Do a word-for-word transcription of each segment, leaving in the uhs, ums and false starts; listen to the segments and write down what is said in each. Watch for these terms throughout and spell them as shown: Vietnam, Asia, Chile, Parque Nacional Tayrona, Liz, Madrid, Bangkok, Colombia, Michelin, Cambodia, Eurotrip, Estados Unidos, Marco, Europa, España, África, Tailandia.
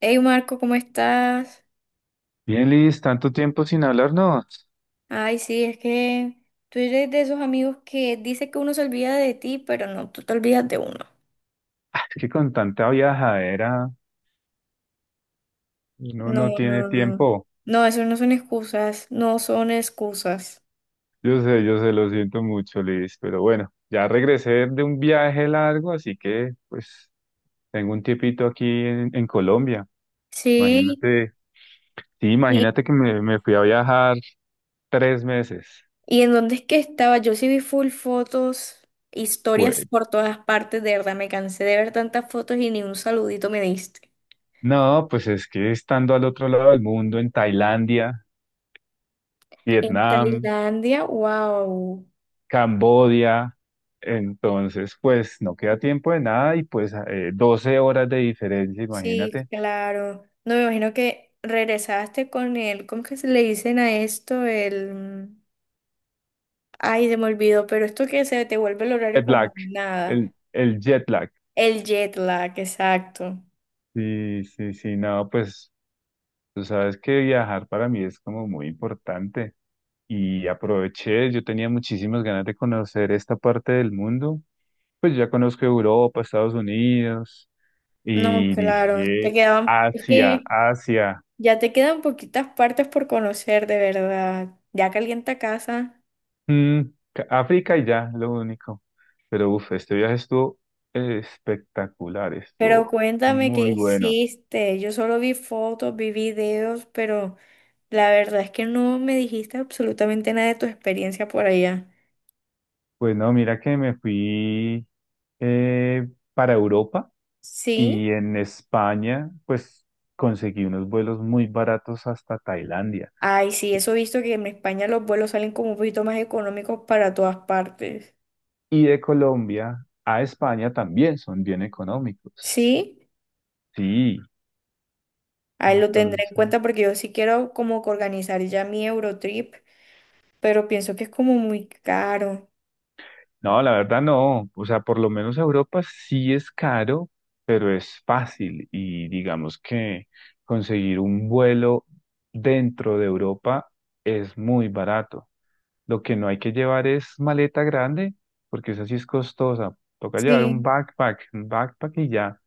Hey Marco, ¿cómo estás? Bien, Liz, tanto tiempo sin hablarnos. Ay, sí, es que tú eres de esos amigos que dice que uno se olvida de ti, pero no, tú te olvidas de uno. Es que con tanta viajadera uno No, no tiene no, no. tiempo. No, eso no son excusas, no son excusas. Yo sé, yo sé, lo siento mucho, Liz, pero bueno, ya regresé de un viaje largo, así que pues tengo un tiempito aquí en, en Colombia. Sí, Imagínate, sí, y, imagínate que me, me fui a viajar tres meses. y en dónde es que estaba, yo sí vi full fotos, historias Pues por todas partes, de verdad, me cansé de ver tantas fotos y ni un saludito me diste. no, pues es que estando al otro lado del mundo, en Tailandia, En Vietnam. Tailandia, wow. Cambodia. Entonces, pues no queda tiempo de nada y pues eh, doce horas de diferencia, Sí, imagínate. claro. No me imagino que regresaste con el, ¿cómo que se le dicen a esto? El, mm, ay, se me olvidó, pero esto que se te vuelve el horario Jet como lag, nada. el, el jet lag. El jet lag, exacto. Sí, sí, sí, no, pues tú sabes que viajar para mí es como muy importante y aproveché, yo tenía muchísimas ganas de conocer esta parte del mundo, pues ya conozco Europa, Estados Unidos No, y claro, te dije quedaban, es Asia, que Asia. ya te quedan poquitas partes por conocer, de verdad. Ya calienta casa. Mm, ca- África y ya, lo único. Pero uff, este viaje estuvo espectacular, Pero estuvo cuéntame qué muy bueno. hiciste. Yo solo vi fotos, vi videos, pero la verdad es que no me dijiste absolutamente nada de tu experiencia por allá. Pues no, mira que me fui eh, para Europa Sí, y en España, pues conseguí unos vuelos muy baratos hasta Tailandia. ay, sí, eso he visto que en España los vuelos salen como un poquito más económicos para todas partes. Y de Colombia a España también son bien económicos. Sí, Sí, ahí lo tendré en entonces. cuenta porque yo sí quiero como que organizar ya mi Eurotrip, pero pienso que es como muy caro. No, la verdad no. O sea, por lo menos Europa sí es caro, pero es fácil. Y digamos que conseguir un vuelo dentro de Europa es muy barato. Lo que no hay que llevar es maleta grande, porque esa sí es costosa. Toca llevar un Sí. backpack, un backpack y ya.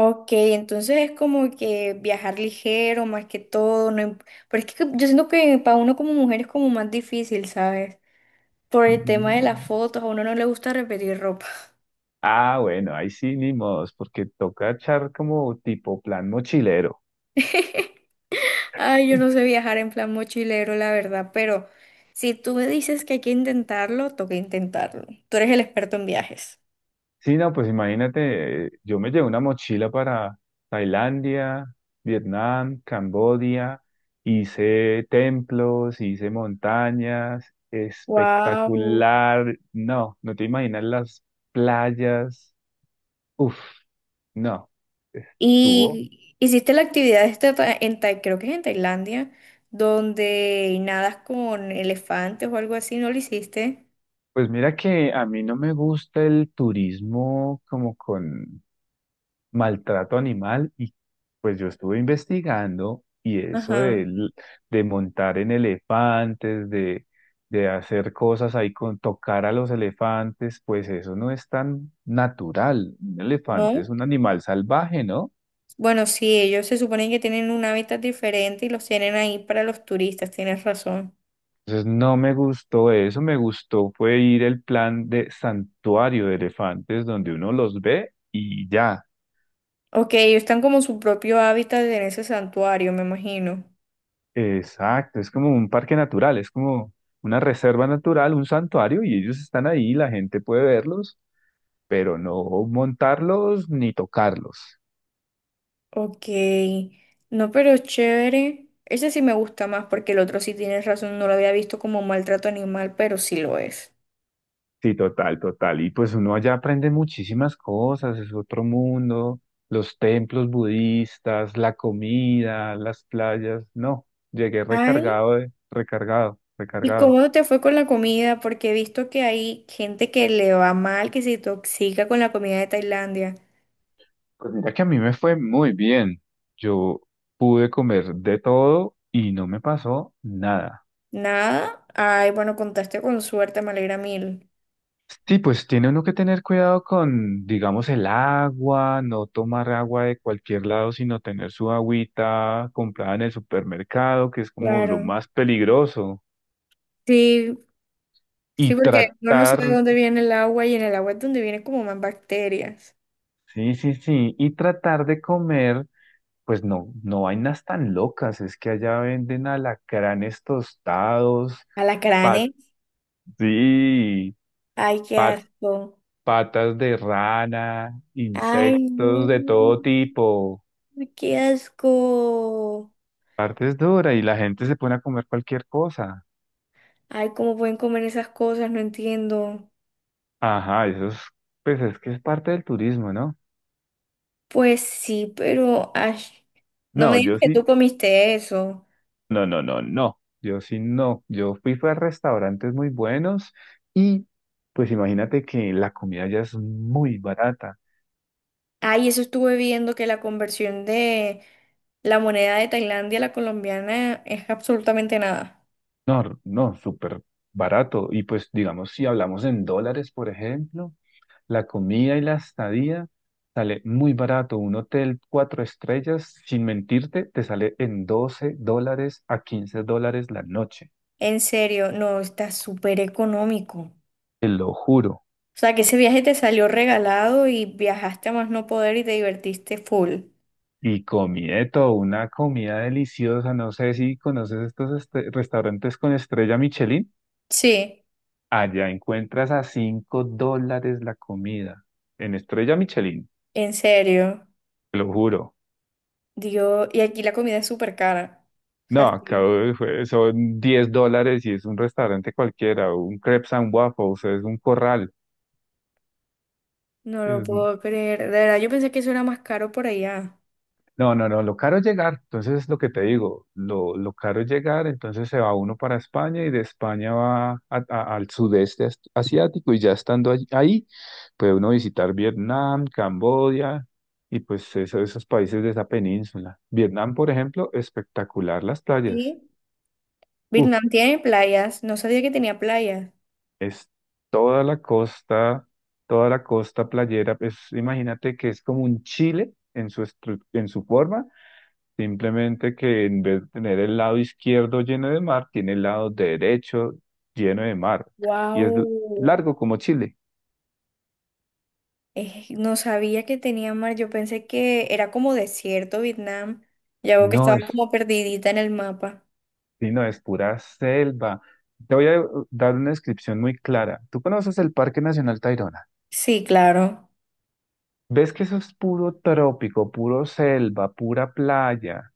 Ok, entonces es como que viajar ligero más que todo, no, im- pero es que yo siento que para uno como mujer es como más difícil, ¿sabes? Por el tema de las Mm. fotos, a uno no le gusta repetir ropa. Ah, bueno, ahí sí, ni modos, porque toca echar como tipo plan mochilero. Ay, yo no sé viajar en plan mochilero, la verdad, pero si tú me dices que hay que intentarlo, toca intentarlo. Tú eres el experto en viajes. Sí, no, pues imagínate, eh, yo me llevé una mochila para Tailandia, Vietnam, Camboya, hice templos, hice montañas, Wow. espectacular. No, no te imaginas las playas. Uf, no, estuvo. Y hiciste la actividad esta ta- en Tai- creo que es en Tailandia, donde nadas con elefantes o algo así, ¿no lo hiciste? Pues mira que a mí no me gusta el turismo como con maltrato animal y pues yo estuve investigando y eso de, Ajá. l- de montar en elefantes, de, de hacer cosas ahí con tocar a los elefantes, pues eso no es tan natural. Un elefante es No. un animal salvaje, ¿no? Bueno, sí, ellos se suponen que tienen un hábitat diferente y los tienen ahí para los turistas, tienes razón. Entonces no me gustó eso, me gustó fue ir el plan de santuario de elefantes donde uno los ve y ya. Ok, ellos están como en su propio hábitat en ese santuario, me imagino. Exacto, es como un parque natural, es como una reserva natural, un santuario, y ellos están ahí, la gente puede verlos, pero no montarlos ni tocarlos. Ok, no, pero chévere. Ese sí me gusta más porque el otro sí tienes razón, no lo había visto como maltrato animal, pero sí lo es. Sí, total, total. Y pues uno allá aprende muchísimas cosas, es otro mundo, los templos budistas, la comida, las playas. No, llegué Ay, recargado de, recargado, ¿y recargado. cómo te fue con la comida? Porque he visto que hay gente que le va mal, que se intoxica con la comida de Tailandia. Pues mira que a mí me fue muy bien. Yo pude comer de todo y no me pasó nada. Nada. Ay, bueno, contaste con suerte, me alegra mil. Sí, pues tiene uno que tener cuidado con, digamos, el agua, no tomar agua de cualquier lado, sino tener su agüita comprada en el supermercado, que es como lo Claro. más peligroso. Sí, sí, Y porque uno no sabe de tratar, dónde viene el agua y en el agua es donde vienen como más bacterias. sí, sí, sí, y tratar de comer, pues no, no vainas tan locas, es que allá venden alacranes tostados, pat, Alacranes. sí, Ay, qué pat- asco. patas de rana, Ay, no, insectos de todo tipo. qué asco. Parte es dura y la gente se pone a comer cualquier cosa. Ay, ¿cómo pueden comer esas cosas? No entiendo. Ajá, eso es, pues es que es parte del turismo, ¿no? Pues sí, pero ay, no No, me digas yo que tú sí, comiste eso. no, no, no, no, yo sí no. Yo fui, fue a restaurantes muy buenos y pues imagínate que la comida ya es muy barata. Ay, eso estuve viendo que la conversión de la moneda de Tailandia a la colombiana es absolutamente nada. No, no, súper barato. Y pues digamos, si hablamos en dólares, por ejemplo. La comida y la estadía sale muy barato. Un hotel cuatro estrellas, sin mentirte, te sale en doce dólares a quince dólares la noche. En serio, no, está súper económico. Te lo juro. O sea, que ese viaje te salió regalado y viajaste a más no poder y te divertiste full. Y comí de todo, una comida deliciosa. No sé si conoces estos este- restaurantes con estrella Michelin. Sí, Allá encuentras a cinco dólares la comida en estrella Michelin, en serio. te lo juro. Dios, y aquí la comida es súper cara. O No, sea, acá sí, fue- son diez dólares y es un restaurante cualquiera. Un crepes and waffles es un corral. no lo Mm, puedo creer. De verdad, yo pensé que eso era más caro por allá. No, no, no, lo caro es llegar, entonces es lo que te digo, lo, lo caro es llegar, entonces se va uno para España y de España va a- a- al sudeste as- asiático y ya estando allí- ahí puede uno visitar Vietnam, Camboya y pues eso- esos países de esa península. Vietnam, por ejemplo, espectacular las playas. Sí. Vietnam Uf, tiene playas. No sabía que tenía playas. es toda la costa, toda la costa playera, pues imagínate que es como un Chile en su, estru- en su forma. Simplemente que en vez de tener el lado izquierdo lleno de mar, tiene el lado derecho lleno de mar. Y es l- Wow. largo como Chile. Eh, no sabía que tenía mar. Yo pensé que era como desierto Vietnam. Ya veo que No estaba es, como perdidita en el mapa. sino es pura selva. Te voy a dar una descripción muy clara. ¿Tú conoces el Parque Nacional Tayrona? Sí, claro. ¿Ves que eso es puro trópico, puro selva, pura playa?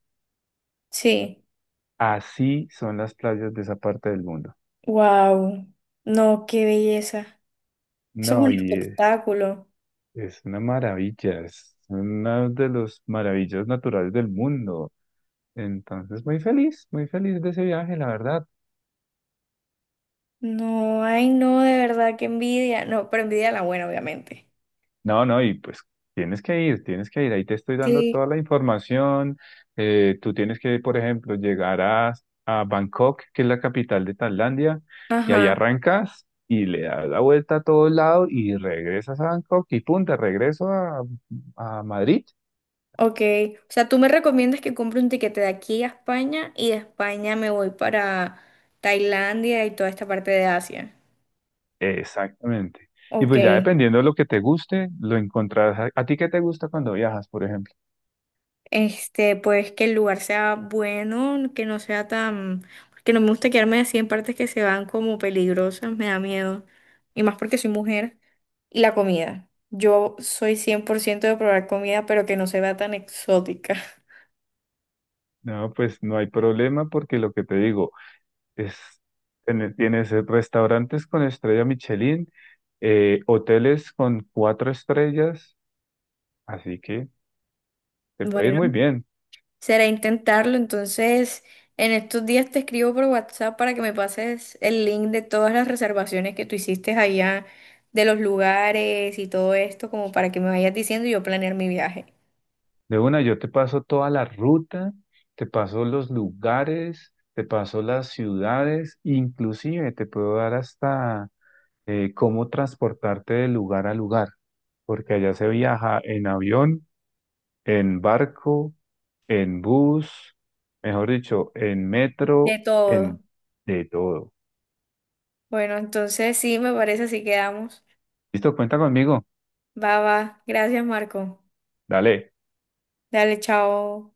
Sí. Así son las playas de esa parte del mundo. Wow. No, qué belleza. Eso es No, un y es, espectáculo. es una maravilla, es una de las maravillas naturales del mundo. Entonces, muy feliz, muy feliz de ese viaje, la verdad. No, ay, no, de verdad, qué envidia. No, pero envidia la buena, obviamente. No, no, y pues tienes que ir, tienes que ir. Ahí te estoy dando Sí, toda la información. Eh, tú tienes que, por ejemplo, llegar a, a Bangkok, que es la capital de Tailandia, y ahí ajá, arrancas y le das la vuelta a todo lado y regresas a Bangkok y punta, regreso a, a Madrid. ok. O sea, tú me recomiendas que compre un tiquete de aquí a España y de España me voy para Tailandia y toda esta parte de Asia. Exactamente. Y Ok, pues ya dependiendo de lo que te guste, lo encontrarás. ¿A a ti qué te gusta cuando viajas, por ejemplo? este, pues que el lugar sea bueno, que no sea tan... Porque no me gusta quedarme así en partes que se van como peligrosas, me da miedo. Y más porque soy mujer. Y la comida. Yo soy cien por ciento de probar comida, pero que no se vea tan exótica. No, pues no hay problema porque lo que te digo, Es, tiene- tienes eh, restaurantes con estrella Michelin, eh, hoteles con cuatro estrellas, así que te puede ir Bueno. muy bien. Será intentarlo, entonces en estos días te escribo por WhatsApp para que me pases el link de todas las reservaciones que tú hiciste allá, de los lugares y todo esto, como para que me vayas diciendo y yo planear mi viaje. De una, yo te paso toda la ruta, te paso los lugares, te paso las ciudades, inclusive te puedo dar hasta eh, cómo transportarte de lugar a lugar, porque allá se viaja en avión, en barco, en bus, mejor dicho, en metro, De todo. en de todo. Bueno, entonces sí, me parece así quedamos. Listo, cuenta conmigo. Va, va. Gracias, Marco. Dale. Dale, chao.